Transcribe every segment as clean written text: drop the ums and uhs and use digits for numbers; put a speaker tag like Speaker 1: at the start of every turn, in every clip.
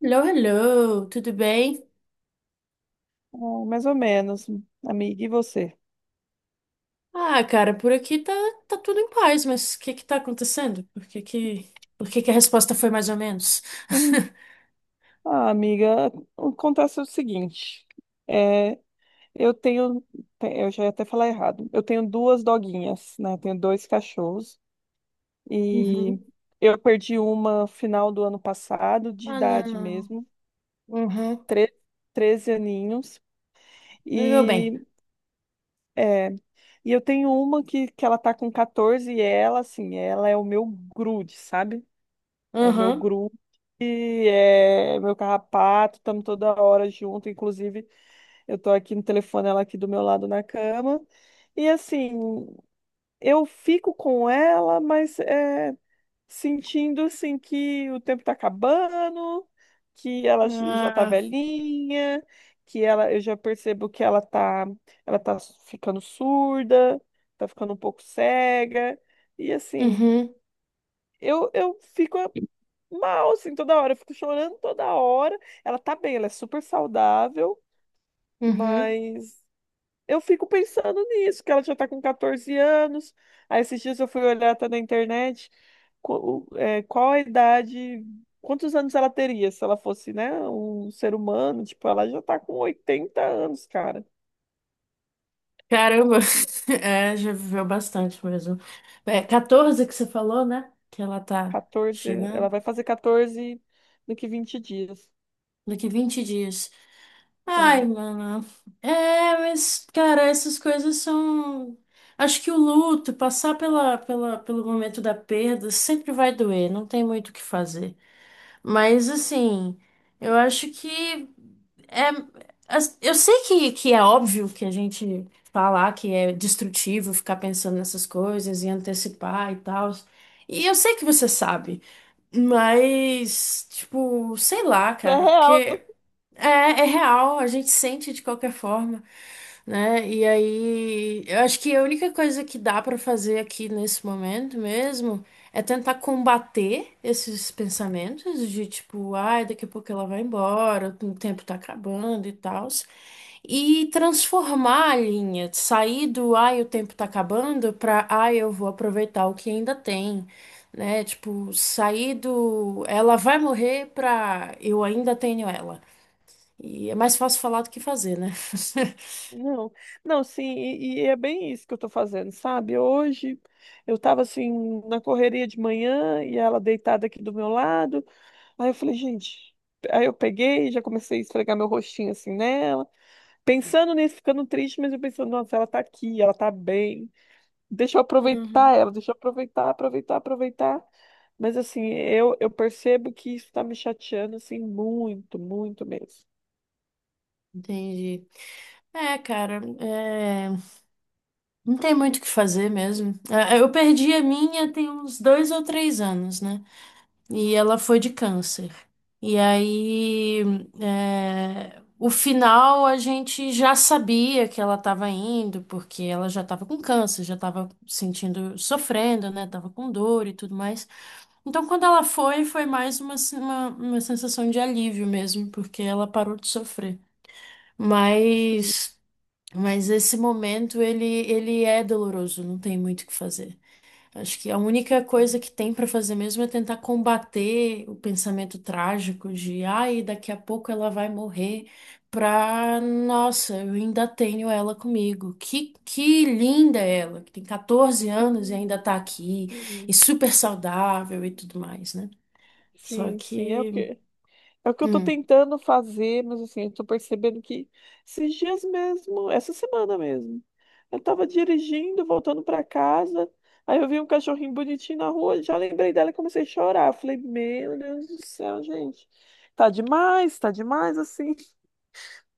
Speaker 1: Hello, hello, tudo bem?
Speaker 2: É, mais ou menos, amiga. E você?
Speaker 1: Ah, cara, por aqui tá, tá tudo em paz, mas o que que tá acontecendo? Por que que a resposta foi mais ou menos?
Speaker 2: Hum. Ah, amiga, acontece o seguinte. É, eu tenho, eu já ia até falar errado. Eu tenho duas doguinhas, né? Eu tenho dois cachorros e
Speaker 1: Uhum.
Speaker 2: eu perdi uma final do ano passado, de
Speaker 1: Ah,
Speaker 2: idade
Speaker 1: não.
Speaker 2: mesmo,
Speaker 1: Uhum.
Speaker 2: tre 13 aninhos.
Speaker 1: Meu bem.
Speaker 2: E, é, e eu tenho uma que ela tá com 14 e ela, assim, ela é o meu grude, sabe? É o meu
Speaker 1: Uhum.
Speaker 2: grupo, é meu carrapato, estamos toda hora junto. Inclusive, eu tô aqui no telefone, ela aqui do meu lado na cama. E assim, eu fico com ela, mas sentindo assim que o tempo tá acabando, que ela já tá
Speaker 1: Ah,
Speaker 2: velhinha, que ela, eu já percebo que ela tá ficando surda, tá ficando um pouco cega. E assim,
Speaker 1: uhum.
Speaker 2: eu fico mal, assim, toda hora. Eu fico chorando toda hora. Ela tá bem, ela é super saudável,
Speaker 1: Uhum.
Speaker 2: mas eu fico pensando nisso, que ela já tá com 14 anos. Aí esses dias eu fui olhar até na internet qual a idade, quantos anos ela teria se ela fosse, né, um ser humano. Tipo, ela já tá com 80 anos, cara.
Speaker 1: Caramba.
Speaker 2: E
Speaker 1: É, já viveu bastante mesmo. É, 14 que você falou, né? Que ela tá
Speaker 2: 14, ela
Speaker 1: chegando.
Speaker 2: vai fazer 14 daqui 20 dias.
Speaker 1: Daqui 20 dias. Ai,
Speaker 2: É.
Speaker 1: mano. É, mas, cara, essas coisas são. Acho que o luto, passar pelo momento da perda, sempre vai doer, não tem muito o que fazer. Mas, assim, eu acho que. É... Eu sei que é óbvio que a gente falar que é destrutivo ficar pensando nessas coisas e antecipar e tal. E eu sei que você sabe, mas, tipo, sei lá,
Speaker 2: É
Speaker 1: cara,
Speaker 2: real.
Speaker 1: porque. É, é real, a gente sente de qualquer forma, né? E aí, eu acho que a única coisa que dá pra fazer aqui nesse momento mesmo é tentar combater esses pensamentos de tipo, ai, daqui a pouco ela vai embora, o tempo tá acabando e tal. E transformar a linha, sair do ai, o tempo tá acabando pra ai, eu vou aproveitar o que ainda tem. Né, tipo, sair do ela vai morrer pra eu ainda tenho ela. E é mais fácil falar do que fazer, né?
Speaker 2: Não, não, sim, e é bem isso que eu tô fazendo, sabe? Hoje eu tava assim na correria de manhã e ela deitada aqui do meu lado. Aí eu falei, gente, aí eu peguei, já comecei a esfregar meu rostinho assim nela, pensando nisso, ficando triste, mas eu pensando, nossa, ela tá aqui, ela tá bem. Deixa eu
Speaker 1: Uhum.
Speaker 2: aproveitar ela, deixa eu aproveitar, aproveitar, aproveitar. Mas assim, eu percebo que isso tá me chateando assim muito, muito mesmo.
Speaker 1: Entendi. É, cara, é, não tem muito o que fazer mesmo. Eu perdi a minha tem uns dois ou três anos, né? E ela foi de câncer. E aí, é, o final a gente já sabia que ela estava indo, porque ela já estava com câncer, já estava sentindo, sofrendo, né? Tava com dor e tudo mais. Então, quando ela foi, foi mais uma, se- uma sensação de alívio mesmo, porque ela parou de sofrer.
Speaker 2: Sim,
Speaker 1: Mas, mas esse momento, ele é doloroso, não tem muito o que fazer. Acho que a única coisa que tem pra fazer mesmo é tentar combater o pensamento trágico de, ai, daqui a pouco ela vai morrer, pra, nossa, eu ainda tenho ela comigo. Que linda ela, que tem 14 anos e
Speaker 2: sim,
Speaker 1: ainda tá aqui, e
Speaker 2: sim.
Speaker 1: super saudável e tudo mais, né? Só
Speaker 2: Sim, sim,
Speaker 1: que.
Speaker 2: é o que eu tô
Speaker 1: Hum.
Speaker 2: tentando fazer, mas assim, eu tô percebendo que esses dias mesmo, essa semana mesmo, eu tava dirigindo, voltando pra casa, aí eu vi um cachorrinho bonitinho na rua, já lembrei dela e comecei a chorar. Eu falei, meu Deus do céu, gente, tá demais, assim.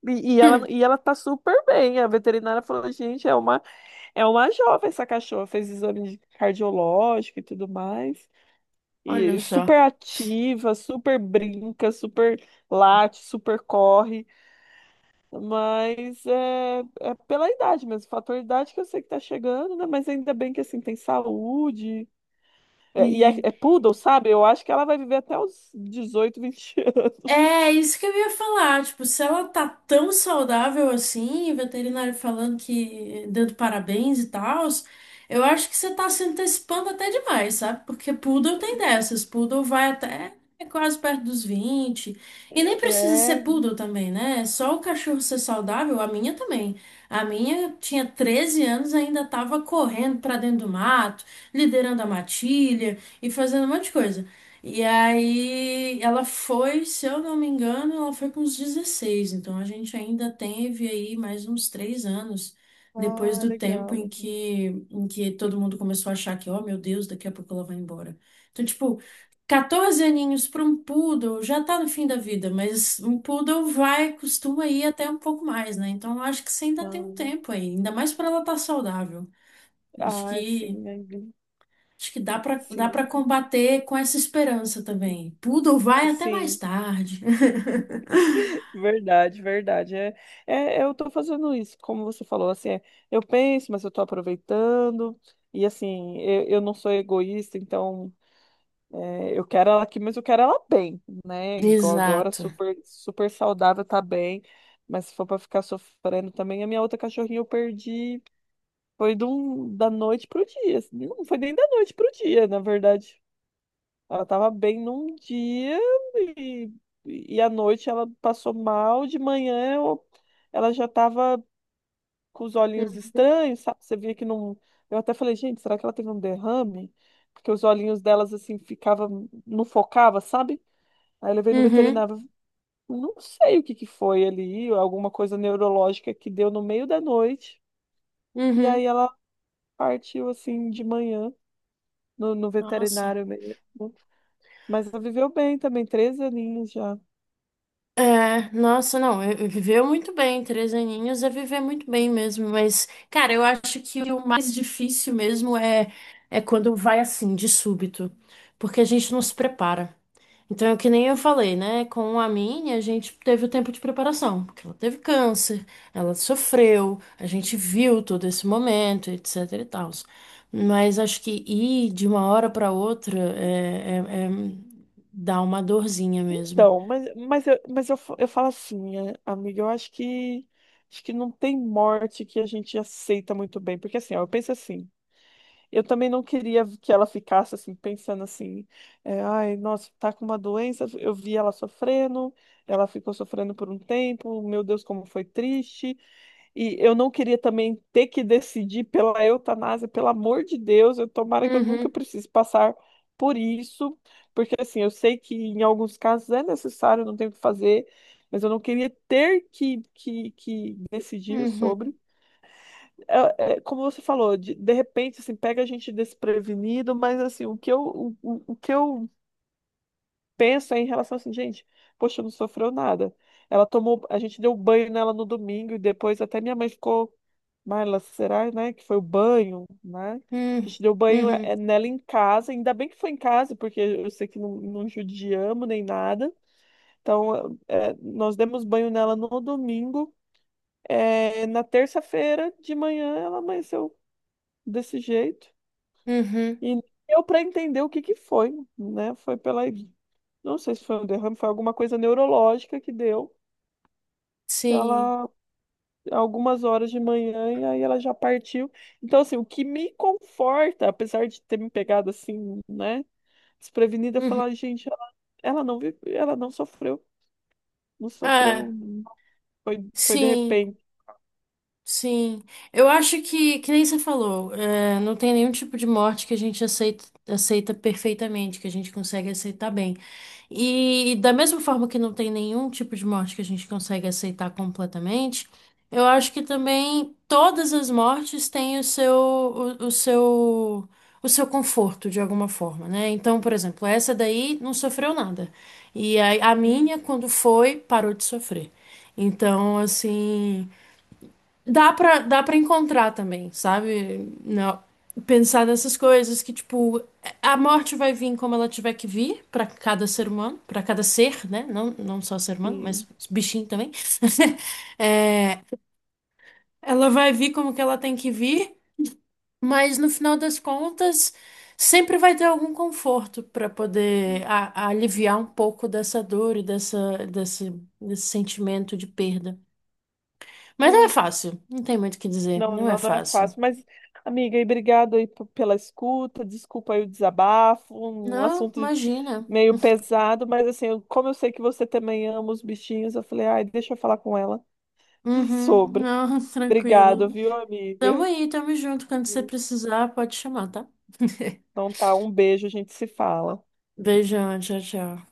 Speaker 2: E ela tá super bem. A veterinária falou, gente, é uma jovem essa cachorra, fez exame de cardiológico e tudo mais.
Speaker 1: Olha
Speaker 2: E
Speaker 1: só.
Speaker 2: super ativa, super brinca, super late, super corre, mas é pela idade mesmo, fator idade que eu sei que tá chegando, né? Mas ainda bem que assim tem saúde.
Speaker 1: E
Speaker 2: É poodle, sabe? Eu acho que ela vai viver até os 18 20 anos.
Speaker 1: É isso que eu ia falar, tipo, se ela tá tão saudável assim, e veterinário falando que dando parabéns e tal, eu acho que você tá se antecipando até demais, sabe? Porque poodle tem dessas, poodle vai até quase perto dos 20 e nem precisa ser
Speaker 2: É,
Speaker 1: poodle também, né? É só o cachorro ser saudável, a minha também. A minha tinha 13 anos, ainda tava correndo pra dentro do mato, liderando a matilha e fazendo um monte de coisa. E aí ela foi, se eu não me engano, ela foi com uns 16 então a gente ainda teve aí mais uns três anos depois
Speaker 2: ah,
Speaker 1: do tempo
Speaker 2: legal.
Speaker 1: em que,
Speaker 2: Legal.
Speaker 1: em que todo mundo começou a achar que, oh meu Deus, daqui a pouco ela vai embora. Então, tipo, 14 aninhos para um poodle já tá no fim da vida, mas um poodle vai, costuma ir até um pouco mais, né? Então eu acho que você ainda tem um
Speaker 2: Ah,
Speaker 1: tempo aí, ainda mais para ela estar saudável. Acho que
Speaker 2: sim, aí,
Speaker 1: Dá para
Speaker 2: sim,
Speaker 1: combater com essa esperança também. Poodle vai até mais
Speaker 2: sim.
Speaker 1: tarde.
Speaker 2: Verdade, verdade. Eu tô fazendo isso, como você falou, assim, é, eu penso, mas eu tô aproveitando, e assim, eu não sou egoísta, então é, eu quero ela aqui, mas eu quero ela bem, né? Igual agora,
Speaker 1: Exato.
Speaker 2: super, super saudável, tá bem, mas se for pra ficar sofrendo também, a minha outra cachorrinha eu perdi, foi de da noite pro dia, assim, não foi nem da noite pro dia, na verdade, ela tava bem num dia e, e à noite ela passou mal, de manhã ela já tava com os olhinhos estranhos, sabe? Você via que não. Eu até falei, gente, será que ela teve um derrame? Porque os olhinhos delas assim ficavam, não focava, sabe? Aí eu levei no
Speaker 1: Uhum,
Speaker 2: veterinário, não sei o que que foi ali, alguma coisa neurológica que deu no meio da noite. E aí
Speaker 1: uhum.
Speaker 2: ela partiu assim de manhã no
Speaker 1: Nossa.
Speaker 2: veterinário mesmo. Mas ela viveu bem também, 3 aninhos já.
Speaker 1: É, nossa, não, eu viveu muito bem, três aninhos é viver muito bem mesmo, mas, cara, eu acho que o mais difícil mesmo é, é quando vai assim, de súbito, porque a gente não se prepara. Então, é que nem eu falei, né, com a minha, a gente teve o tempo de preparação, porque ela teve câncer, ela sofreu, a gente viu todo esse momento, etc e tal. Mas acho que ir de uma hora para outra é- dá uma dorzinha mesmo.
Speaker 2: Então, eu falo assim, é, amiga, eu acho que não tem morte que a gente aceita muito bem, porque assim, ó, eu penso assim, eu também não queria que ela ficasse assim, pensando assim, é, ai, nossa, tá com uma doença, eu vi ela sofrendo, ela ficou sofrendo por um tempo, meu Deus, como foi triste, e eu não queria também ter que decidir pela eutanásia, pelo amor de Deus, eu tomara que eu nunca precise passar por isso, porque assim, eu sei que em alguns casos é necessário, não tem o que fazer, mas eu não queria ter que, que decidir
Speaker 1: Uhum,
Speaker 2: sobre. É como você falou, de repente, assim, pega a gente desprevenido, mas assim, o que eu pensa em relação assim, gente, poxa, não sofreu nada. Ela tomou, a gente deu banho nela no domingo e depois até minha mãe ficou, Marla, será, né, que foi o banho, né? A
Speaker 1: uhum,
Speaker 2: gente deu banho eh,
Speaker 1: uhum,
Speaker 2: nela em casa, ainda bem que foi em casa, porque eu sei que não, não judiamos nem nada. Então, eh, nós demos banho nela no domingo. Eh, na terça-feira de manhã ela amanheceu desse jeito.
Speaker 1: uhum,
Speaker 2: E nem deu para entender o que que foi, né? Foi pela. Não sei se foi um derrame, foi alguma coisa neurológica que deu, que
Speaker 1: sim.
Speaker 2: ela, algumas horas de manhã, e aí ela já partiu. Então, assim, o que me conforta, apesar de ter me pegado assim, né, desprevenida, é
Speaker 1: Uhum.
Speaker 2: falar, gente, ela, ela não sofreu, não
Speaker 1: Ah,
Speaker 2: sofreu, foi, foi de
Speaker 1: sim.
Speaker 2: repente.
Speaker 1: Sim, eu acho que nem você falou, é, não tem nenhum tipo de morte que a gente aceita perfeitamente, que a gente consegue aceitar bem. E da mesma forma que não tem nenhum tipo de morte que a gente consegue aceitar completamente, eu acho que também todas as mortes têm o seu, o seu, o seu conforto de alguma forma, né? Então, por exemplo, essa daí não sofreu nada. E a minha, quando foi, parou de sofrer. Então, assim. Dá pra encontrar também, sabe? Não. Pensar nessas coisas que, tipo, a morte vai vir como ela tiver que vir pra cada ser humano, pra cada ser, né? Não, não só ser humano,
Speaker 2: Enfim,
Speaker 1: mas bichinho também. É, ela vai vir como que ela tem que vir, mas no final das contas, sempre vai ter algum conforto pra poder a- aliviar um pouco dessa dor e dessa, desse, desse sentimento de perda. Mas não é
Speaker 2: é,
Speaker 1: fácil, não tem muito o que dizer,
Speaker 2: não,
Speaker 1: não é
Speaker 2: não, não é
Speaker 1: fácil.
Speaker 2: fácil, mas, amiga, e obrigado aí pela escuta, desculpa aí o desabafo, um
Speaker 1: Não,
Speaker 2: assunto
Speaker 1: imagina.
Speaker 2: meio pesado, mas assim, como eu sei que você também ama os bichinhos, eu falei, ai, deixa eu falar com ela
Speaker 1: Uhum,
Speaker 2: sobre.
Speaker 1: não,
Speaker 2: Obrigado,
Speaker 1: tranquilo.
Speaker 2: viu,
Speaker 1: Tamo
Speaker 2: amiga?
Speaker 1: aí, tamo junto. Quando você precisar, pode chamar, tá?
Speaker 2: Então tá, um beijo, a gente se fala.
Speaker 1: Beijão, tchau, tchau.